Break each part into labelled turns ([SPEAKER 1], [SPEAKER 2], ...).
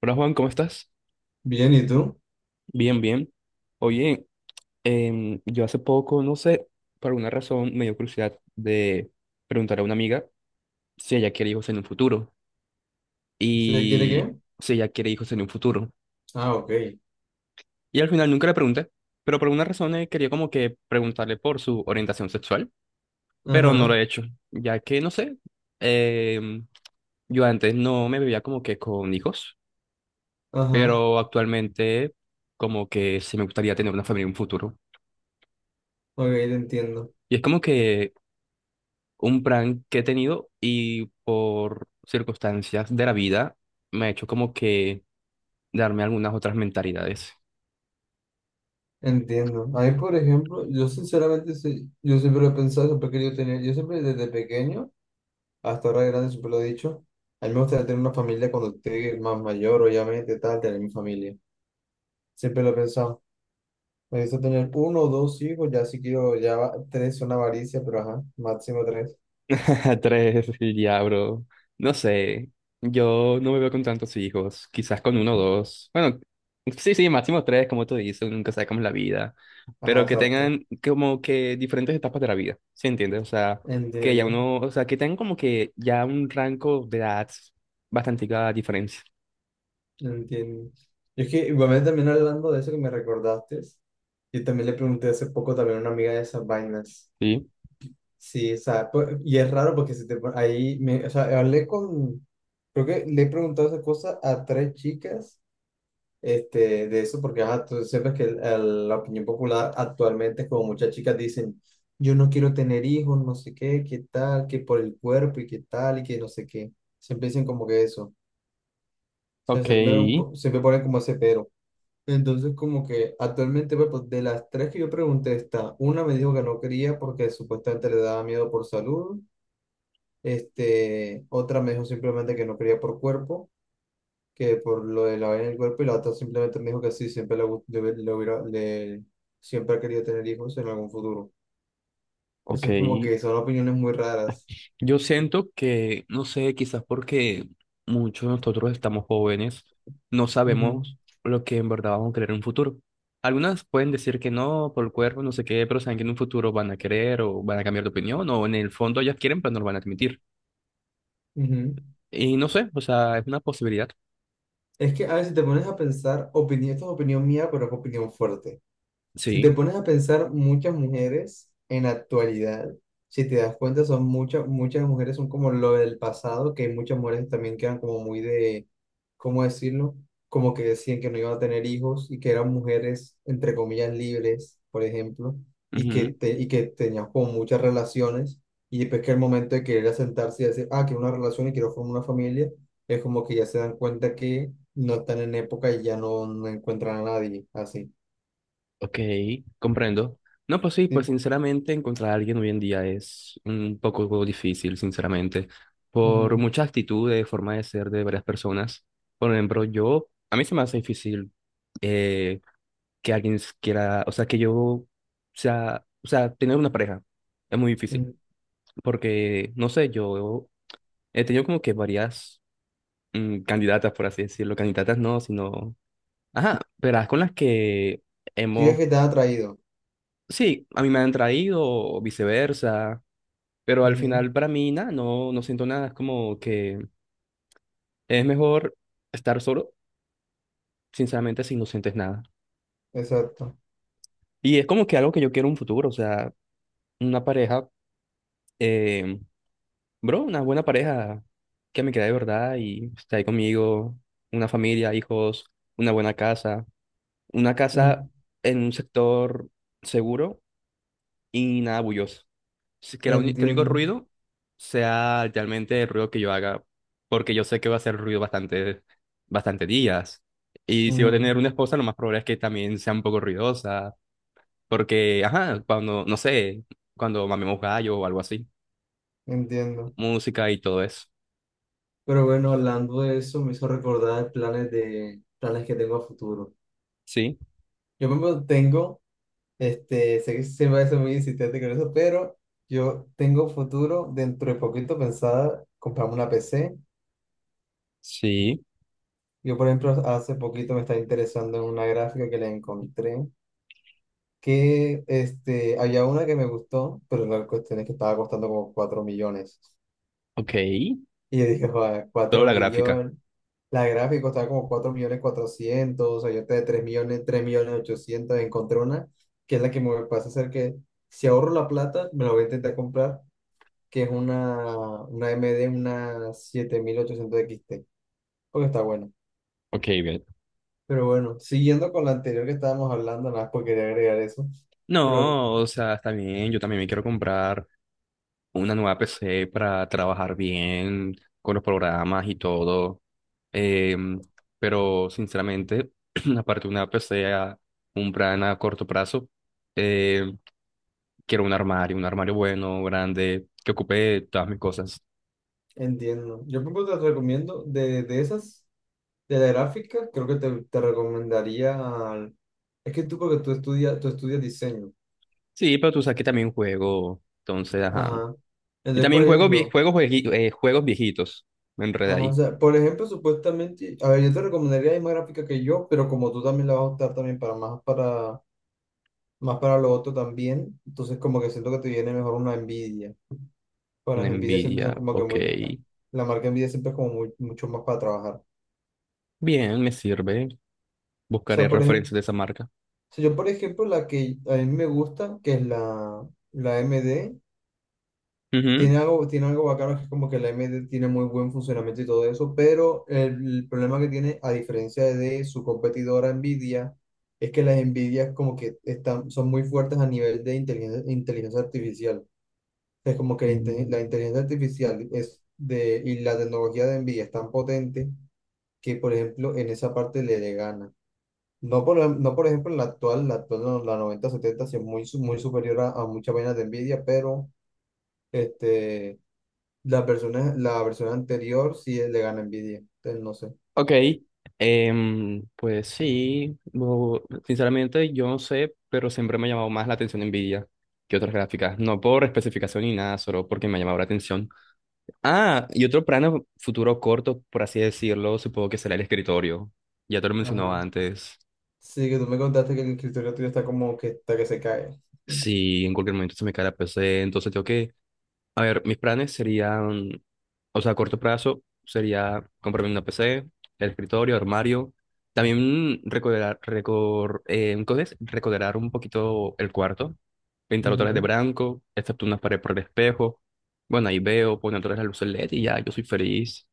[SPEAKER 1] Hola Juan, ¿cómo estás?
[SPEAKER 2] Bien, ¿y tú?
[SPEAKER 1] Bien, bien. Oye, yo hace poco, no sé, por alguna razón me dio curiosidad de preguntar a una amiga si ella quiere hijos en un futuro
[SPEAKER 2] ¿Sí? ¿Se le quiere
[SPEAKER 1] y
[SPEAKER 2] qué?
[SPEAKER 1] si ella quiere hijos en un futuro.
[SPEAKER 2] Ah, ok.
[SPEAKER 1] Y al final nunca le pregunté, pero por alguna razón quería como que preguntarle por su orientación sexual, pero no lo
[SPEAKER 2] Ajá,
[SPEAKER 1] he hecho, ya que, no sé, em, yo antes no me veía como que con hijos,
[SPEAKER 2] ajá.
[SPEAKER 1] pero actualmente como que sí me gustaría tener una familia en un futuro.
[SPEAKER 2] Ok, te entiendo.
[SPEAKER 1] Y es como que un plan que he tenido y por circunstancias de la vida me ha hecho como que darme algunas otras mentalidades.
[SPEAKER 2] Entiendo. A mí, por ejemplo, yo sinceramente, sí, yo siempre lo he pensado, siempre he querido tener, yo siempre desde pequeño hasta ahora de grande siempre lo he dicho, a mí me gustaría tener una familia cuando esté más mayor, obviamente, tal, tener mi familia. Siempre lo he pensado. Me gusta tener uno o dos hijos, ya si quiero, tres son avaricia, pero ajá, máximo tres.
[SPEAKER 1] Tres, y ya, bro. No sé, yo no me veo con tantos hijos, quizás con uno o dos. Bueno, sí, sí, máximo tres, como tú dices, uno nunca sabe cómo es la vida,
[SPEAKER 2] Ajá,
[SPEAKER 1] pero que
[SPEAKER 2] exacto.
[SPEAKER 1] tengan como que diferentes etapas de la vida, ¿sí entiendes? O sea, que ya
[SPEAKER 2] Entiendo.
[SPEAKER 1] uno, o sea, que tengan como que ya un rango de edad bastante diferencia.
[SPEAKER 2] No, entiendo. Y es que igualmente también hablando de eso que me recordaste, yo también le pregunté hace poco también a una amiga de esas vainas.
[SPEAKER 1] Sí,
[SPEAKER 2] Sí, o sea, pues, y es raro porque si te pon- ahí, me, o sea, hablé con, creo que le he preguntado esa cosa a tres chicas, este, de eso, porque ajá, tú sabes que la opinión popular actualmente es como muchas chicas dicen, yo no quiero tener hijos, no sé qué, qué tal, que por el cuerpo y qué tal, y que no sé qué. Siempre dicen como que eso. O sea, siempre,
[SPEAKER 1] ok,
[SPEAKER 2] siempre ponen como ese pero. Entonces, como que actualmente, pues, de las tres que yo pregunté, está, una me dijo que no quería porque supuestamente le daba miedo por salud, este, otra me dijo simplemente que no quería por cuerpo, que por lo de la vaina del cuerpo, y la otra simplemente me dijo que sí, siempre le, gu- le, hubi- le hubiera, le, siempre ha querido tener hijos en algún futuro.
[SPEAKER 1] ok.
[SPEAKER 2] Entonces, como que son opiniones muy raras.
[SPEAKER 1] Yo siento que, no sé, quizás porque muchos de nosotros estamos jóvenes, no
[SPEAKER 2] Ujú,
[SPEAKER 1] sabemos lo que en verdad vamos a querer en un futuro. Algunas pueden decir que no, por el cuerpo, no sé qué, pero saben que en un futuro van a querer o van a cambiar de opinión, o en el fondo ellas quieren, pero no lo van a admitir.
[SPEAKER 2] ujú.
[SPEAKER 1] Y no sé, o sea, es una posibilidad.
[SPEAKER 2] Es que a veces te pones a pensar, opinión, esto es opinión mía, pero es opinión fuerte. Si te
[SPEAKER 1] Sí.
[SPEAKER 2] pones a pensar, muchas mujeres en la actualidad, si te das cuenta, son muchas, muchas mujeres son como lo del pasado, que muchas mujeres también quedan como muy de, ¿cómo decirlo? Como que decían que no iban a tener hijos y que eran mujeres, entre comillas, libres, por ejemplo, y que,
[SPEAKER 1] Ujú.
[SPEAKER 2] te, y que tenían como muchas relaciones, y después que el momento de querer asentarse y decir, ah, quiero una relación y quiero formar una familia, es como que ya se dan cuenta que no están en época y ya no encuentran a nadie, así.
[SPEAKER 1] Ok, comprendo. No, pues sí,
[SPEAKER 2] Sí.
[SPEAKER 1] pues sinceramente encontrar a alguien hoy en día es un poco difícil, sinceramente, por
[SPEAKER 2] Ujú.
[SPEAKER 1] muchas actitudes, forma de ser de varias personas. Por ejemplo, yo, a mí se me hace difícil eh, que alguien quiera, o sea, que yo sea, o sea, tener una pareja es muy difícil,
[SPEAKER 2] Mm,
[SPEAKER 1] porque, no sé, yo he tenido como que varias candidatas, por así decirlo, candidatas no, sino, ajá, verás, con las que
[SPEAKER 2] sí, es
[SPEAKER 1] hemos.
[SPEAKER 2] que te ha atraído.
[SPEAKER 1] Sí, a mí me han traído o viceversa, pero al
[SPEAKER 2] Ujú,
[SPEAKER 1] final para mí nada, no, no siento nada, es como que es mejor estar solo, sinceramente, si no sientes nada.
[SPEAKER 2] exacto.
[SPEAKER 1] Y es como que algo que yo quiero en un futuro, o sea, una pareja, eh, bro, una buena pareja que me quiera de verdad y esté ahí conmigo, una familia, hijos, una buena casa, una casa
[SPEAKER 2] En-
[SPEAKER 1] en un sector seguro y nada bulloso. Que, que el único
[SPEAKER 2] Entiendo.
[SPEAKER 1] ruido sea realmente el ruido que yo haga, porque yo sé que va a ser ruido bastante, bastante días. Y si voy a
[SPEAKER 2] Ujú,
[SPEAKER 1] tener una esposa, lo más probable es que también sea un poco ruidosa, porque, ajá, cuando, no sé, cuando mamemos gallo o algo así,
[SPEAKER 2] entiendo.
[SPEAKER 1] música y todo eso.
[SPEAKER 2] Pero bueno, hablando de eso, me hizo recordar planes de planes que tengo a futuro.
[SPEAKER 1] Sí,
[SPEAKER 2] Yo mismo tengo, este, sé que siempre voy a ser muy insistente con eso, pero yo tengo futuro dentro de poquito pensada comprarme una PC.
[SPEAKER 1] sí,
[SPEAKER 2] Yo, por ejemplo, hace poquito me estaba interesando en una gráfica que le encontré que este, había una que me gustó, pero la cuestión es que estaba costando como 4 millones.
[SPEAKER 1] ok.
[SPEAKER 2] Y yo dije, joder,
[SPEAKER 1] Toda
[SPEAKER 2] 4
[SPEAKER 1] la gráfica.
[SPEAKER 2] millones. La gráfica estaba como 4 millones cuatrocientos, o sea, yo te de 3 millones, 3 millones ochocientos. Encontré una que es la que me pasa a hacer que si ahorro la plata, me la voy a intentar comprar, que es una, MD, una 7800 XT, porque está buena.
[SPEAKER 1] Ok, bien.
[SPEAKER 2] Pero bueno, siguiendo con la anterior que estábamos hablando, nada más porque quería agregar eso. Pero
[SPEAKER 1] No, o sea, está bien, yo también me quiero comprar una nueva PC para trabajar bien con los programas y todo. Em, pero sinceramente, aparte de una PC a un plan a corto plazo, eh, quiero un armario bueno, grande, que ocupe todas mis cosas.
[SPEAKER 2] entiendo. Yo, por ejemplo, te recomiendo de esas, de la gráfica, creo que te recomendaría. Es que tú, porque tú estudias diseño.
[SPEAKER 1] Sí, pero tú sabes que también juego, entonces, ajá.
[SPEAKER 2] Ajá.
[SPEAKER 1] Y
[SPEAKER 2] Entonces, por
[SPEAKER 1] también juego,
[SPEAKER 2] ejemplo,
[SPEAKER 1] juegos viejitos. Me enredé
[SPEAKER 2] ajá, o
[SPEAKER 1] ahí.
[SPEAKER 2] sea, por ejemplo, supuestamente, a ver, yo te recomendaría la misma gráfica que yo, pero como tú también la vas a optar también para más para más para lo otro también, entonces como que siento que te viene mejor una envidia. Con
[SPEAKER 1] Una
[SPEAKER 2] las envidias siempre son
[SPEAKER 1] Nvidia,
[SPEAKER 2] como que
[SPEAKER 1] ok.
[SPEAKER 2] muy, la marca envidia siempre es como muy, mucho más para trabajar. O
[SPEAKER 1] Bien, me sirve. Buscaré
[SPEAKER 2] sea, por ejemplo,
[SPEAKER 1] referencias de esa marca.
[SPEAKER 2] si yo por ejemplo la que a mí me gusta, que es la MD, tiene algo, tiene algo bacano, que es como que la AMD tiene muy buen funcionamiento y todo eso, pero problema que tiene, a diferencia de su competidora Nvidia, es que las Nvidia como que están, son muy fuertes a nivel de inteligencia, inteligencia artificial. Es como que la
[SPEAKER 1] Mm.
[SPEAKER 2] inteligencia artificial es de, y la tecnología de Nvidia es tan potente que, por ejemplo, en esa parte le gana. No, por ejemplo, en la actual, no, la 9070 sí es muy, muy superior a muchas vainas de Nvidia, pero... Este, la versión anterior sí le gana envidia. Entonces, no sé.
[SPEAKER 1] Ok, pues sí, sinceramente yo no sé, pero siempre me ha llamado más la atención Nvidia que otras gráficas, no por especificación ni nada, solo porque me ha llamado la atención. Ah, y otro plano futuro corto, por así decirlo, supongo que será el escritorio, ya te lo
[SPEAKER 2] Ajá.
[SPEAKER 1] mencionaba antes.
[SPEAKER 2] Sí, que tú me contaste que el escritorio tuyo está como que está que se cae.
[SPEAKER 1] Si en cualquier momento se me cae la PC, entonces tengo que, a ver, mis planes serían, o sea, a corto plazo sería comprarme una PC, el escritorio, armario, también recorderar, recor, ¿cómo es? recorderar un poquito el cuarto, pintar otra vez de
[SPEAKER 2] Ujú.
[SPEAKER 1] blanco, excepto unas paredes por el espejo, bueno, ahí veo, poner otra vez la luz LED y ya, yo soy feliz.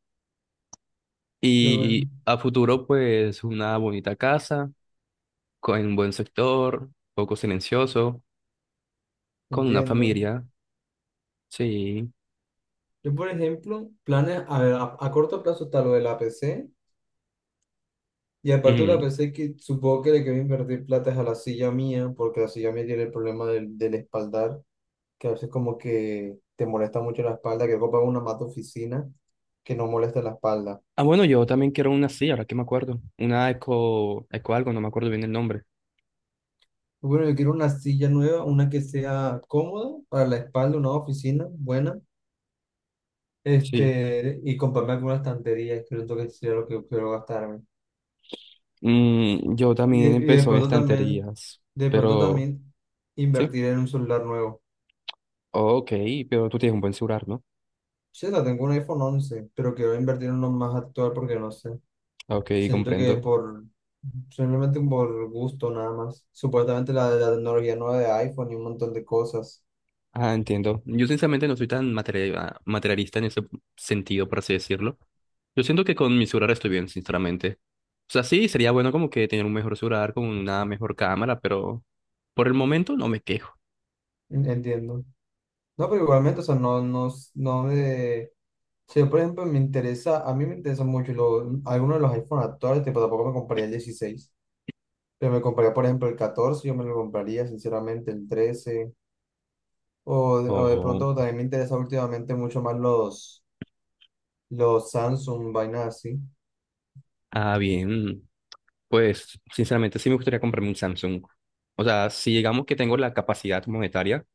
[SPEAKER 2] Yo, bueno,
[SPEAKER 1] Y a futuro, pues, una bonita casa, con un buen sector, poco silencioso, con una
[SPEAKER 2] entiendo.
[SPEAKER 1] familia. Sí.
[SPEAKER 2] Yo, por ejemplo, planes, a ver, a corto plazo está lo del APC. Y aparte de la
[SPEAKER 1] Ujú.
[SPEAKER 2] APC, que supongo que le quiero invertir plata es a la silla mía, porque la silla mía tiene el problema del espaldar, que a veces como que te molesta mucho la espalda, que comprar una mata oficina que no moleste la espalda.
[SPEAKER 1] Ah, bueno, yo también quiero una así, ahora que me acuerdo. Una eco algo, no me acuerdo bien el nombre.
[SPEAKER 2] Bueno, yo quiero una silla nueva, una que sea cómoda para la espalda, una oficina buena,
[SPEAKER 1] Sí.
[SPEAKER 2] este, y comprarme alguna estantería, creo que sería lo que quiero gastarme.
[SPEAKER 1] Mm, yo
[SPEAKER 2] Y de,
[SPEAKER 1] también
[SPEAKER 2] y de
[SPEAKER 1] empezó en
[SPEAKER 2] pronto también,
[SPEAKER 1] estanterías,
[SPEAKER 2] de pronto
[SPEAKER 1] pero
[SPEAKER 2] también
[SPEAKER 1] sí.
[SPEAKER 2] invertir en un celular nuevo.
[SPEAKER 1] Ok, pero tú tienes un buen celular, ¿no?
[SPEAKER 2] Sí, la tengo un iPhone 11, pero quiero invertir en uno más actual porque no sé.
[SPEAKER 1] Ok,
[SPEAKER 2] Siento que
[SPEAKER 1] comprendo.
[SPEAKER 2] simplemente por gusto nada más. Supuestamente la tecnología nueva de iPhone y un montón de cosas.
[SPEAKER 1] Ah, entiendo. Yo sinceramente no soy tan materialista en ese sentido, por así decirlo. Yo siento que con mi celular estoy bien, sinceramente. O sea, sí, sería bueno como que tener un mejor celular con una mejor cámara, pero por el momento no me quejo.
[SPEAKER 2] Entiendo. No, pero igualmente, o sea, no, no, no me. Sí, por ejemplo, me interesa, a mí me interesa mucho algunos de los iPhone actuales, tipo, tampoco me compraría el 16, pero me compraría, por ejemplo, el 14, yo me lo compraría, sinceramente, el 13, o de pronto también me interesa últimamente mucho más los, Samsung, vainas así.
[SPEAKER 1] Ah, bien. Pues, sinceramente, sí me gustaría comprarme un Samsung. O sea, si digamos que tengo la capacidad monetaria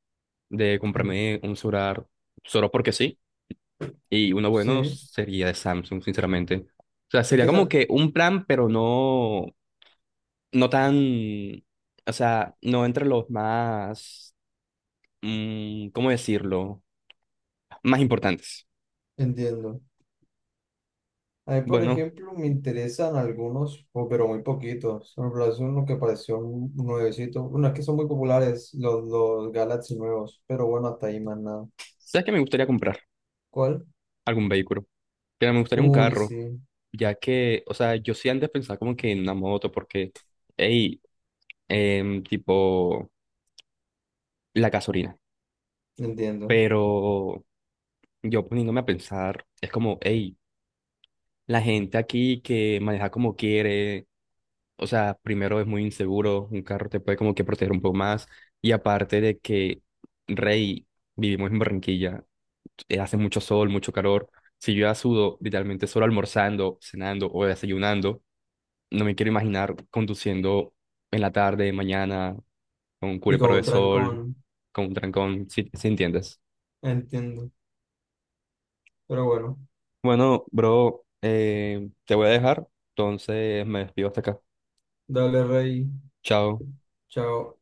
[SPEAKER 1] de
[SPEAKER 2] En-
[SPEAKER 1] comprarme un celular solo porque sí, y uno bueno
[SPEAKER 2] Sí,
[SPEAKER 1] sería de Samsung, sinceramente. O sea,
[SPEAKER 2] es
[SPEAKER 1] sería
[SPEAKER 2] que
[SPEAKER 1] como
[SPEAKER 2] esa,
[SPEAKER 1] que un plan, pero no, no tan, o sea, no entre los más, ¿cómo decirlo? Más importantes.
[SPEAKER 2] entiendo. A mí, por
[SPEAKER 1] Bueno,
[SPEAKER 2] ejemplo, me interesan algunos, pero muy poquitos. Por ejemplo, es uno que pareció un nuevecito. Bueno, es que son muy populares los, Galaxy nuevos, pero bueno, hasta ahí más nada.
[SPEAKER 1] sabes que me gustaría comprar
[SPEAKER 2] ¿Cuál?
[SPEAKER 1] algún vehículo, pero me gustaría un
[SPEAKER 2] Uy,
[SPEAKER 1] carro.
[SPEAKER 2] sí,
[SPEAKER 1] Ya que, o sea, yo sí antes pensaba como que en una moto, porque, hey, tipo, la gasolina.
[SPEAKER 2] entiendo.
[SPEAKER 1] Pero yo poniéndome a pensar, es como, hey, la gente aquí que maneja como quiere, o sea, primero es muy inseguro, un carro te puede como que proteger un poco más, y aparte de que, rey, vivimos en Barranquilla, hace mucho sol, mucho calor, si yo ya sudo, literalmente solo almorzando, cenando o desayunando, no me quiero imaginar conduciendo en la tarde, mañana, con un
[SPEAKER 2] Y
[SPEAKER 1] cubre
[SPEAKER 2] con
[SPEAKER 1] de
[SPEAKER 2] un
[SPEAKER 1] sol,
[SPEAKER 2] trancón,
[SPEAKER 1] con un trancón, si, si entiendes.
[SPEAKER 2] entiendo. Pero bueno,
[SPEAKER 1] Bueno, bro, te voy a dejar, entonces me despido hasta acá.
[SPEAKER 2] dale, Rey.
[SPEAKER 1] Chao.
[SPEAKER 2] Chao.